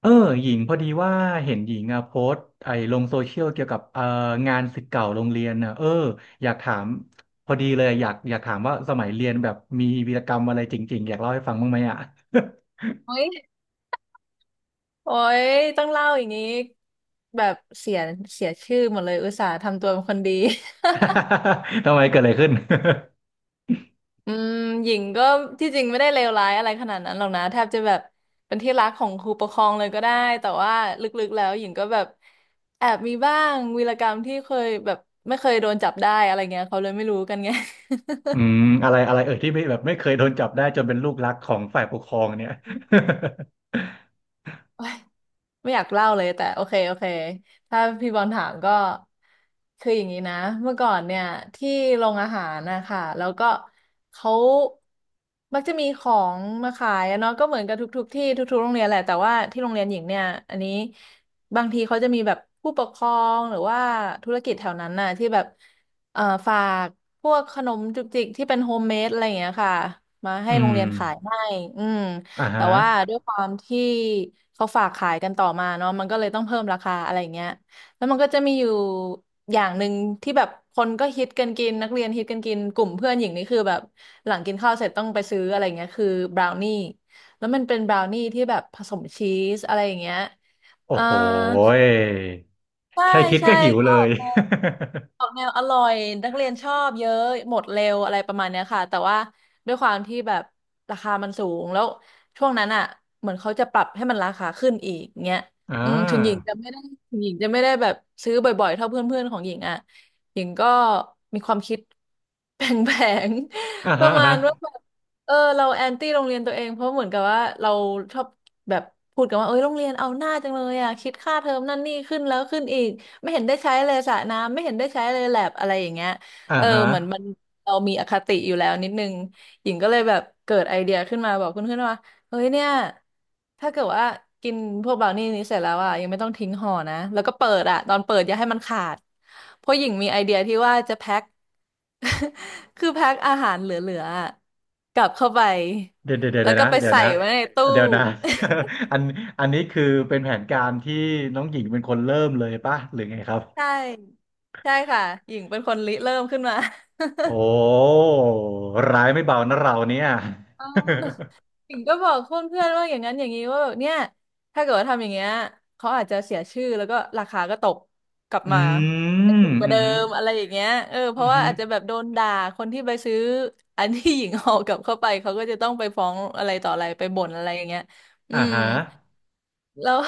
เออหญิงพอดีว่าเห็นหญิงอ่ะโพสต์ไอ้ลงโซเชียลเกี่ยวกับงานศิษย์เก่าโรงเรียนน่ะเอออยากถามพอดีเลยอยากถามว่าสมัยเรียนแบบมีวีรกรรมอะไรจริงๆอยากเล่าให้ฟังบ้างไหมอ่ะ โอ้ยโอ้ยต้องเล่าอย่างนี้แบบเสียชื่อหมดเลย อุตส่าห์ทำตัวเป็นคนดี ทำไมเกิดอะไรขึ้น อืมหญิงก็ที่จริงไม่ได้เลวร้ายอะไรขนาดนั้นหรอกนะ แทบจะแบบเป็นที่รักของครูปกครองเลยก็ได้ แต่ว่าลึกๆแล้วหญิงก็แบบแอบมีบ้างวีรกรรมที่เคยแบบไม่เคยโดนจับได้อะไรเงี้ยเขาเลยไม่รู้กันไง อืมอะไรอะไรเอ่ยที่ไม่แบบไม่เคยโดนจับได้จนเป็นลูกรักของฝ่ายปกครองเนี่ย โอ๊ย ไม่อยากเล่าเลยแต่โอเคถ้าพี่บอลถามก็คืออย่างนี้นะเมื่อก่อนเนี่ยที่โรงอาหารนะคะแล้วก็เขามักจะมีของมาขายอะเนาะก็เหมือนกับทุกๆที่ทุกๆโรงเรียนแหละแต่ว่าที่โรงเรียนหญิงเนี่ยอันนี้บางทีเขาจะมีแบบผู้ปกครองหรือว่าธุรกิจแถวนั้นน่ะที่แบบเอ่อฝากพวกขนมจุกจิกที่เป็นโฮมเมดอะไรอย่างเงี้ยค่ะมา ให้อืโรงมเรียนขายให้อืม อ่าแต่ฮะว่าด้วยความที่เขาฝากขายกันต่อมาเนาะมันก็เลยต้องเพิ่มราคาอะไรอย่างเงี้ยแล้วมันก็จะมีอยู่อย่างหนึ่งที่แบบคนก็ฮิตกันกินนักเรียนฮิตกันกินกลุ่มเพื่อนหญิงนี่คือแบบหลังกินข้าวเสร็จต้องไปซื้ออะไรเงี้ยคือบราวนี่แล้วมันเป็นบราวนี่ที่แบบผสมชีสอะไรอย่างเงี้ยโอ้อ่าโหยใช่แค่คิดใช่ก็หิวก็เลออย กมา ออกแนวอร่อยนักเรียนชอบเยอะหมดเร็วอะไรประมาณเนี้ยค่ะแต่ว่าด้วยความที่แบบราคามันสูงแล้วช่วงนั้นอ่ะเหมือนเขาจะปรับให้มันราคาขึ้นอีกเงี้ย อ่าอืมถึงหญิงจะไม่ได้ถึงหญิงจะไม่ได้แบบซื้อบ่อยๆเท่าเพื่อนๆของหญิงอ่ะหญิงก็มีความคิดแผลงอ่าๆ ปฮะระอ่ามาณฮะว่าแบบ เออเราแอนตี้โรงเรียนตัวเองเพราะเหมือนกับว่าเราชอบแบบพูดกันว่าเอ้ยโรงเรียนเอาหน้าจังเลยอ่ะคิดค่าเทอมนั่นนี่ขึ้นแล้วขึ้นอีกไม่เห็นได้ใช้เลยสระน้ำไม่เห็นได้ใช้เลยแลบอะไรอย่างเงี้ยอ่าเออฮะ เหมือนมันเรามีอคติอยู่แล้วนิดนึงหญิงก็เลยแบบเกิดไอเดียขึ้นมาบอกเพื่อนๆว่า เฮ้ยเนี่ย ถ้าเกิดว่ากินพวกบราวนี่นี้เสร็จแล้วอ่ะยังไม่ต้องทิ้งห่อนะแล้วก็เปิดอ่ะตอนเปิดอย่าให้มันขาดเพราะหญิงมีไอเดียที่ว่าจะแพ็ค คือแพ็คอาหารเหลือๆอะกลับเข้าไปเดี๋ยวเดี๋ยวแล้วเดี๋ยวก็นะไปเดี๋ยวใส่นะไว้ในตู้ เดี๋ยวนะ อันอันนี้คือเป็นแผนการที่น้องหญิงเป็นคนเริ่มเลยป่ะหรือไงครับ ใช่ใช่ค่ะหญิงเป็นคนริเริ่มขึ้นมา โอ้ร้ายไม่เบานะเราเนี่ย เออ ถึงก็บอกเพื่อนๆว่าอย่างนั้นอย่างนี้ว่าแบบเนี่ยถ้าเกิดว่าทำอย่างเงี้ยเขาอาจจะเสียชื่อแล้วก็ราคาก็ตกกลับ อืมาอาจจะมถูกกว่าอืเดิมมอะไรอย่างเงี้ยเออเพอืราะว่าอาจจะแบมบโดนด่าคนที่ไปซื้ออันที่หญิงออกกลับเข้าไปเขาก็จะต้องไปฟ้องอะไรต่ออะไรไปบ่นอะไรอย่างเงี้ยอือ่ามฮะแล้ว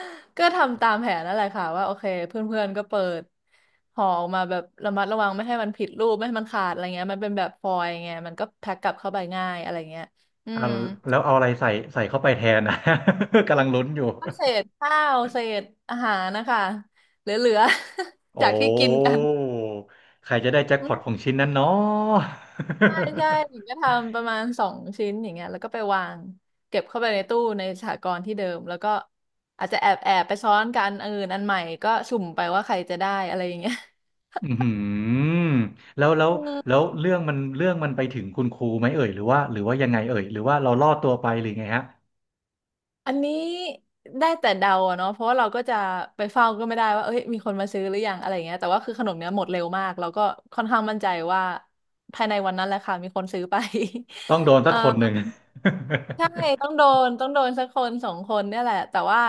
ก็ทำตามแผนนั่นแหละค่ะว่าโอเคเพื่อนๆก็เปิดห่อออกมาแบบระมัดระวังไม่ให้มันผิดรูปไม่ให้มันขาดอะไรเงี้ยมันเป็นแบบฟอยล์ไงมันก็แพ็คกลับเข้าไปง่ายอะไรเงี้ยอือ่าม แล้วเอาอะไรใส่เข้าไปแทนนะ กำลังลุ้นอยู่เศษข้าวเศษอาหารนะคะเหลือๆ จาโอ้กที่กินกันใครจะได้แจ็คอืพอตของมชิ้นนั้นเนาะ ใช่ใช่หญิ งก็ทำประมาณ2 ชิ้นอย่างเงี้ยแล้วก็ไปวางเก็บเข้าไปในตู้ในสหกรณ์ที่เดิมแล้วก็อาจจะแอบแอบไปซ้อนกันอันอื่นอันใหม่ก็สุ่มไปว่าใครจะได้อะไรอย่างเงี้ย อืมแล้วแล้ วอืแล้มวเรื่องมันไปถึงคุณครูไหมเอ่ยหรือว่าหรือว่ายังไงเอ่ยหรือว่าเราลอดตัวไปหรือไงฮะอันนี้ได้แต่เดาอะเนาะเพราะว่าเราก็จะไปเฝ้าก็ไม่ได้ว่าเอ้ยมีคนมาซื้อหรือยังอะไรอย่างเงี้ยแต่ว่าคือขนมเนี้ยหมดเร็วมากเราก็ค่อนข้างมั่นใจว่าภายในวันนั้นแหละค่ะมีคนซื้อไป ต้องโดน เอสัอ กคนหนึ่ง ใช่ต้องโดนสักคนสองคนเนี่ยแหละแต่ว่า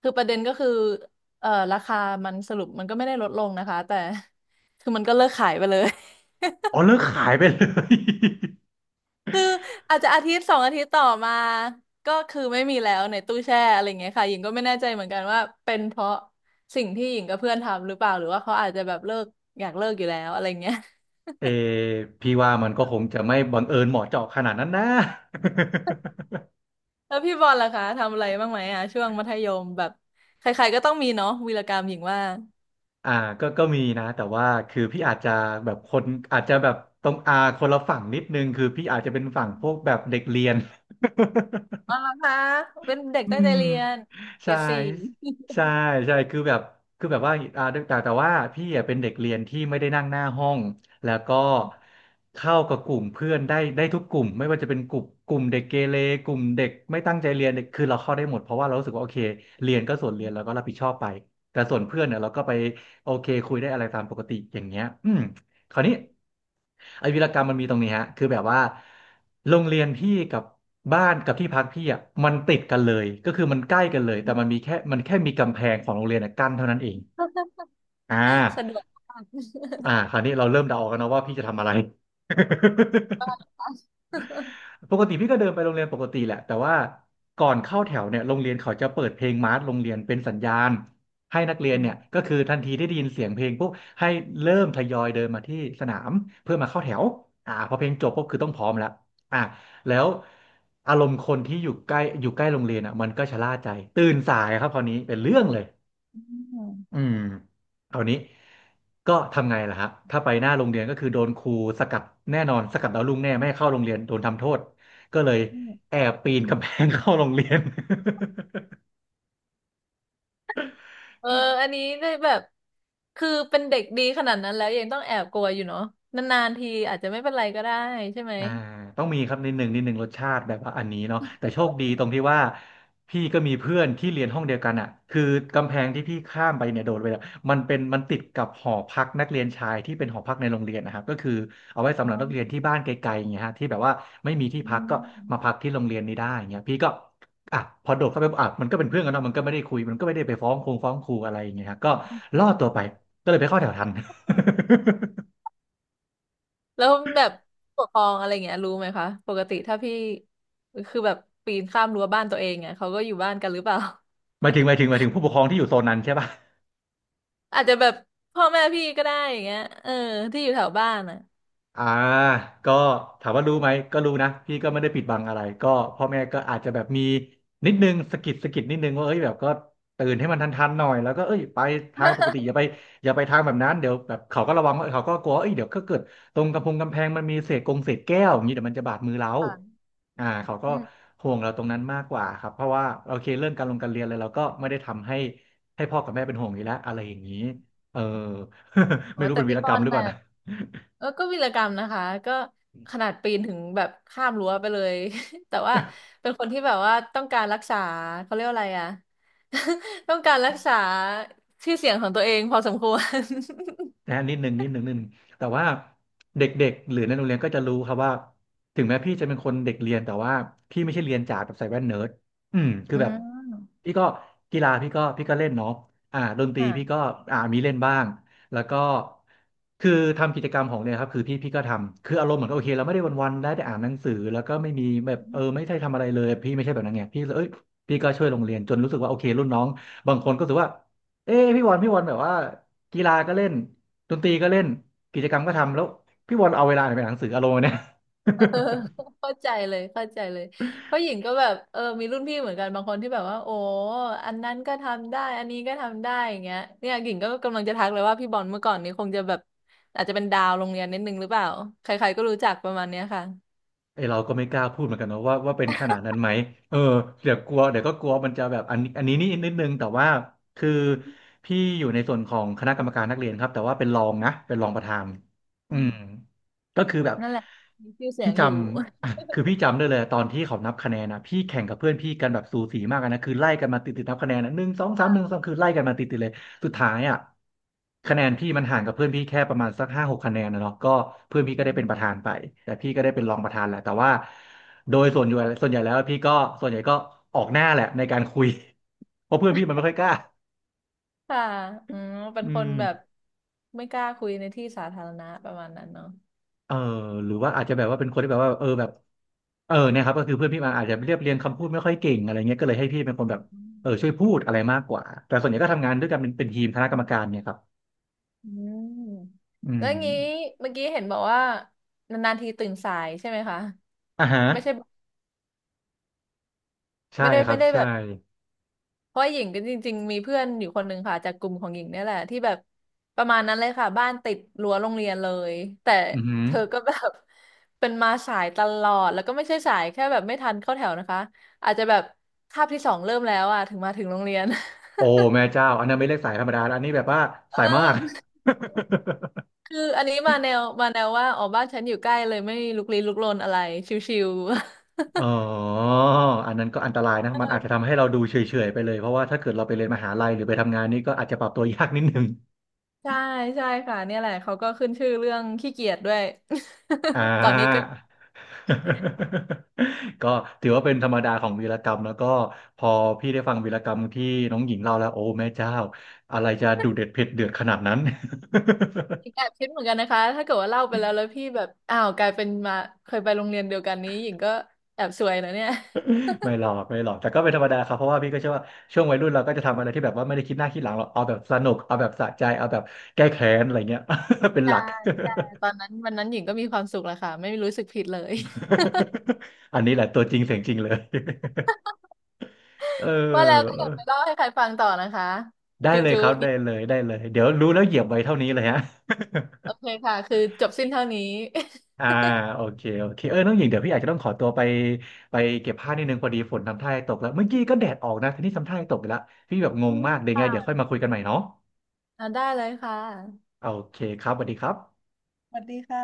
คือประเด็นก็คือราคามันสรุปมันก็ไม่ได้ลดลงนะคะแต่ คือมันก็เลิกขายไปเลย อ๋อเลิกขายไปเลย คืออาจจะอาทิตย์สองอาทิตย์ต่อมาก็คือไม่มีแล้วในตู้แช่อะไรเงี้ยค่ะหญิงก็ไม่แน่ใจเหมือนกันว่าเป็นเพราะสิ่งที่หญิงกับเพื่อนทำหรือเปล่าหรือว่าเขาอาจจะแบบเลิกอยากเลิกอยู่แล้วอะไรเงี้ย เออพี่ว่ามันก็คงจะไม่บังเอิญเหมาะเจาะขนาดนั้นนะ แล้วพี่บอลล่ะคะทำอะไรบ้างไหมอ่ะช่วงมัธยมแบบใครๆก็ต้องมีเนาะวีรกรรมหญิงว่า อ่าก็ก็มีนะแต่ว่าคือพี่อาจจะแบบคนอาจจะแบบตรงอาคนละฝั่งนิดนึงคือพี่อาจจะเป็นฝั่งพวกแบบเด็กเรียน อ๋อเหรอคะเป็นเด็กอืตั้งใจมเรียนเกรใช่ดสี่ ใช่ใช่คือแบบคือแบบว่าอ่าแต่แต่ว่าพี่อ่ะเป็นเด็กเรียนที่ไม่ได้นั่งหน้าห้องแล้วก็เข้ากับกลุ่มเพื่อนได้ทุกกลุ่มไม่ว่าจะเป็นกลุ่มเด็กเกเรกลุ่มเด็กไม่ตั้งใจเรียนเด็กคือเราเข้าได้หมดเพราะว่าเรารู้สึกว่าโอเคเรียนก็ส่วนเรียนแล้วก็รับผิดชอบไปแต่ส่วนเพื่อนเนี่ยเราก็ไปโอเคคุยได้อะไรตามปกติอย่างเงี้ยอืม คราวนี้ไอ้วีรกรรมมันมีตรงนี้ฮะคือแบบว่าโรงเรียนพี่กับบ้านกับที่พักพี่อ่ะมันติดกันเลยก็คือมันใกล้กันเลยแต่มันแค่มีกำแพงของโรงเรียนอะกั้นเท่านั้นเองอ่ สะดาวกมาก อ่าคราวนี้เราเริ่มเดาออกกันนะว่าพี่จะทำอะไร ปกติพี่ก็เดินไปโรงเรียนปกติแหละแต่ว่าก่อนเข้าแถวเนี่ยโรงเรียนเขาจะเปิดเพลงมาร์ชโรงเรียนเป็นสัญญาณให้นักเรี ยนอืเนี่ยมก็คือทันทีที่ได้ยินเสียงเพลงปุ๊บให้เริ่มทยอยเดินมาที่สนามเพื่อมาเข้าแถวอ่าพอเพลงจบปุ๊บคือต้องพร้อมแล้วอ่ะแล้วอารมณ์คนที่อยู่ใกล้โรงเรียนอ่ะมันก็ชะล่าใจตื่นสายครับคราวนี้เป็นเรื่องเลย อืมคราวนี้ ก็ทำไงล่ะครับถ้าไปหน้าโรงเรียนก็คือโดนครูสกัดแน่นอนสกัดดาวรุ่งแน่ไม่ให้เข้าโรงเรียนโดนทำโทษ ก็เลยอืมแอบปีนกำแพง เข้าโรงเรียน เอออันนี้ได้แบบ คือเป็นเด็กดีขนาดนั้นแล้วยังต้องแอบกลัวอยู่เนาะนานๆทีอาจจะไม่เป็นไรก็ได้ใช่ไหมอ่าต้องมีครับนิดหนึ่งนิดหนึ่งรสชาติแบบว่าอันนี้เนาะแต่โชคดีตรงที่ว่าพี่ก็มีเพื่อนที่เรียนห้องเดียวกันอ่ะคือกำแพงที่พี่ข้ามไปเนี่ยโดดไปอะมันเป็นมันติดกับหอพักนักเรียนชายที่เป็นหอพักในโรงเรียนนะครับก็คือเอาไว้สำอ๋หอรับนักเรียนที่บ้านไกลๆอย่างเงี้ยฮะที่แบบว่าไม่มีที่อืพักก็มาพัมกที่โรงเรียนนี้ได้อย่างเงี้ยพี่ก็อ่ะพอโดดเข้าไปอ่ะมันก็เป็นเพื่อนกันเนาะมันก็ไม่ได้คุยมันก็ไม่ได้ไปฟ้องฟ้องครูอะไรอย่างเงี้ยฮะก็ล่อตัวไปก็เลยไปเข้าแถวทัน แล้วแบบผู้ปกครองอะไรเงี้ยรู้ไหมคะ ปกติถ้าพี่ คือแบบปีนข้ามรั้วบ้านตัวเองเนี่ยเขาก็อยู่บ้านกันหรือเปล่า หมายถึงหมายถึงหมายถึงผู้ปกครองที่อยู่โซนนั้นใช่ปะ อาจจะแบบพ่อแม่พี่ก็ได้อย่างเงี้ยเออที่อยู่แถวบ้านอ่ะ อ่าก็ถามว่ารู้ไหมก็รู้นะพี่ก็ไม่ได้ปิดบังอะไรก็พ่อแม่ก็อาจจะแบบมีนิดนึงสะกิดนิดนึงว่าเอ้ยแบบก็ตื่นให้มันทันๆหน่อยแล้วก็เอ้ยไปทางปกติอย่าไปทางแบบนั้นเดี๋ยวแบบเขาก็ระวังว่าเขาก็กลัว่าเอ้ยเดี๋ยวก็เกิดตรงกำแพงมันมีเศษกงเศษแก้วอย่างนี้เดี๋ยวมันจะบาดมือเราอ่าเขาก็ห่วงเราตรงนั้นมากกว่าครับเพราะว่าโอเคเรื่องการลงการเรียนอะไรเราก็ไม่ได้ทำให้ให้พ่อกับแม่เป็นห่วงอยู่แล้วอะไรอย่างนี้เออ อ๋ไม่อรู้แต่เป็นวีพี่รบกอรรลมหรือแบเปล่าบนะ เออก็วีรกรรมนะคะ ก็ขนาดปีนถึงแบบข้ามรั้วไปเลย แต่ว่าเป็นคนที่แบบว่าต้องการรักษาเขาเรียกว่าอะไรอะ ต้องการรักษาชื่อเสียงของตัวเองพอสมควร นะฮะนิดหนึ่งนิดหนึ่งนิดหนึ่งแต่ว่าเด็กๆหรือในโรงเรียนก็จะรู้ครับว่าถึงแม้พี่จะเป็นคนเด็กเรียนแต่ว่าพี่ไม่ใช่เรียนจ๋าแบบใส่แว่นเนิร์ดอืม คืออืแบบมพี่ก็กีฬาพี่ก็เล่นเนาะดนตรีค่ะ พี่ก็มีเล่นบ้างแล้วก็คือทำกิจกรรมของเนี่ยครับคือพี่ก็ทำคืออารมณ์เหมือนโอเคเราไม่ได้วันๆได้แต่อ่านหนังสือแล้วก็ไม่มีแบบเออไม่ได้ทำอะไรเลยพี่ไม่ใช่แบบนั้นไงพี่เลยเอ้ยพี่ก็ช่วยโรงเรียนจนรู้สึกว่าโอเครุ่นน้องบางคนก็รู้สึกว่าเอ้พี่วันพี่วันแบบว่ากีฬาก็เล่น ดนตรีก็เล่นกิจกรรมก็ทำแล้วพี่บอลเอาเวลาไหนไปอ่านหนังสืออารมณ์เนี่ย เออ เข้าใจเลยเข้าใจเลยเพราะหญิงก็แบบเออมีรุ่นพี่เหมือนกันบางคนที่แบบว่าโอ้อันนั้นก็ทำได้อันนี้ก็ทำได้อย่างเงี้ยเนี่ยหญิงก็กำลังจะทักเลยว่าพี่บอลเมื่อก่อนนี้คงจะแบบอาจจะเป็นดาวโรงเรียนนิดนึงหรือเปล่าใครๆก็รู้จักประมาณเนี้ยค่ะไอเราก็ไม่กล้าพูดเหมือนกันเนอะว่าเป็นขนาดนั้นไหมเออเดี๋ยวกลัวเดี๋ยวก็กลัวมันจะแบบอันนี้นี่นิดนึงแต่ว่าคือพี่อยู่ในส่วนของคณะกรรมการนักเรียนครับแต่ว่าเป็นรองนะเป็นรองประธานอือืมมก็คือแบบนั่นแหละมีชื่อเสียพี่งจอยู่ำ อ่ะคือพี่จำได้เลยตอนที่เขานับคะแนนนะพี่แข่งกับเพื่อนพี่กันแบบสูสีมากอะนะคือไล่กันมาติดนับคะแนนนะหนึ่งสองสามค่ะ หนึ่ง สองคือไล่กันมาติดเลย สุดท้ายอ่ะคะแนนพี่มันห่างกับเพื่อนพี่แค่ประมาณสักห้าหกคะแนนนะเนาะก็เพื่อนพี่อืก็ได้เป็นประธามนไปแต่พี่ก็ได้เป็นรองประธานแหละแต่ว่าโดยส่วนใหญ่แล้วพี่ก็ส่วนใหญ่ก็ออกหน้าแหละในการคุย เพราะเพื่อนพี่มันไม่ค่อยกล้าค่ะอืมเป็นอืคนมแบบไม่กล้าคุยในที่สาธารณะประมาณนั้นเนาะเออหรือว่าอาจจะแบบว่าเป็นคนที่แบบว่าเออแบบเออเนี่ยครับก็คือเพื่อนพี่มาอาจจะเรียบเรียงคำพูดไม่ค่อยเก่งอะไรเงี้ยก็เลยให้พี่เป็นคนแบบอืเออมช่วยพูดอะไรมากกว่าแต่ส่วนใหญ่ก็ทำงานด้วยกันเป็นทีมคณะกรรมการเนี่ยครับอืมอืแล้วมงี้เมื่อกี้เห็นบอกว่านานๆทีตื่นสายใช่ไหมคะ อ่าฮะไม่ใช่ใช่ไม่ได้ครัไม่บได้แบใช่บเพราะหญิงก็จริงๆมีเพื่อนอยู่คนหนึ่งค่ะจากกลุ่มของหญิงเนี่ยแหละที่แบบประมาณนั้นเลยค่ะบ้านติดรั้วโรงเรียนเลยแต่อือหือ เธอก็แบบ เป็นมาสายตลอดแล้วก็ไม่ใช่สายแค่แบบไม่ทันเข้าแถวนะคะอาจจะแบบคาบที่สองเริ่มแล้วอ่ะถึงมาถึงโรงเรียน โอ้ แม่เจ้าอันนั้นไม่เรียกสายธรรมดาแล้วอันนี้แบบว่าเสายมาก ออคืออันนี้มาแนวว่าอ๋อบ้านฉันอยู่ใกล้เลยไม่ลุกลี้ลุกลนอะไรชิวๆ อ๋ออันนั้นก็อันตรายนะมันอาจจะทำให้เราดูเฉยๆไปเลยเพราะว่าถ้าเกิดเราไปเรียนมหาลัยหรือไปทำงานนี่ก็อาจจะปรับตัว ยากนิดนึง ใช่ใช่ค่ะเนี่ยแหละเขาก็ขึ้นชื่อเรื่องขี้เกียจด้วย อ่า ตอนนี้ก็ ก็ถือว่าเป็นธรรมดาของวีรกรรมแล้วก็พอพี่ได้ฟังวีรกรรมที่น้องหญิงเล่าแล้วโอ้แม่เจ้าอะไรจะดุเด็ดเผ็ดเดือดขนาดนั้น แอบคิดเหมือนกันนะคะถ้าเกิดว่าเล่าไปแล้วแล้วพี่แบบอ้าวกลายเป็นมาเคยไปโรงเรียนเดียวกันนี้หญิงก็แอบซวยนะเนี่ยไม่หรอกไม่หรอกแต่ก็เป็นธรรมดาครับเพราะว่าพี่ก็เชื่อว่าช่วงวัยรุ่นเราก็จะทำอะไรที่แบบว่าไม่ได้คิดหน้าคิดหลังหรอกเอาแบบสนุกเอาแบบสะใจเอาแบบแก้แค้นอะไรเงี้ย เป็นหใช่ลัก ใช่ตอนนั้นวันนั้นหญิงก็มีความสุขแหละค่ะไม่รู้สึกผิดเลย อันนี้แหละตัวจริงเสียงจริงเลย เ ว่าแล้วก็อออยากไปเล่าให้ใครฟังต่อนะคะได้จุ๊เลยจุ๊ครับได้เลยได้เลยเดี๋ยวรู้แล้วเหยียบไว้เท่านี้เลยฮะ โอเคค่ะคือจบสิ้นเท่านี้ อ่า โอเคโอเคเออน้องหญิงเดี๋ยวพี่อาจจะต้องขอตัวไปไปเก็บผ้านิดนึงพอดีฝนทำท่าจะตกแล้วเมื่อกี้ก็แดดออกนะทีนี้ทำท่าจะตกไปแล้วพี่แบบงอืงมากเดี๋ยวไงมเดี๋ยวค่อยมาคุยกันใหม่เนาะอ่าได้เลยค่ะโอเคครับสวัสดีครับสวัสดีค่ะ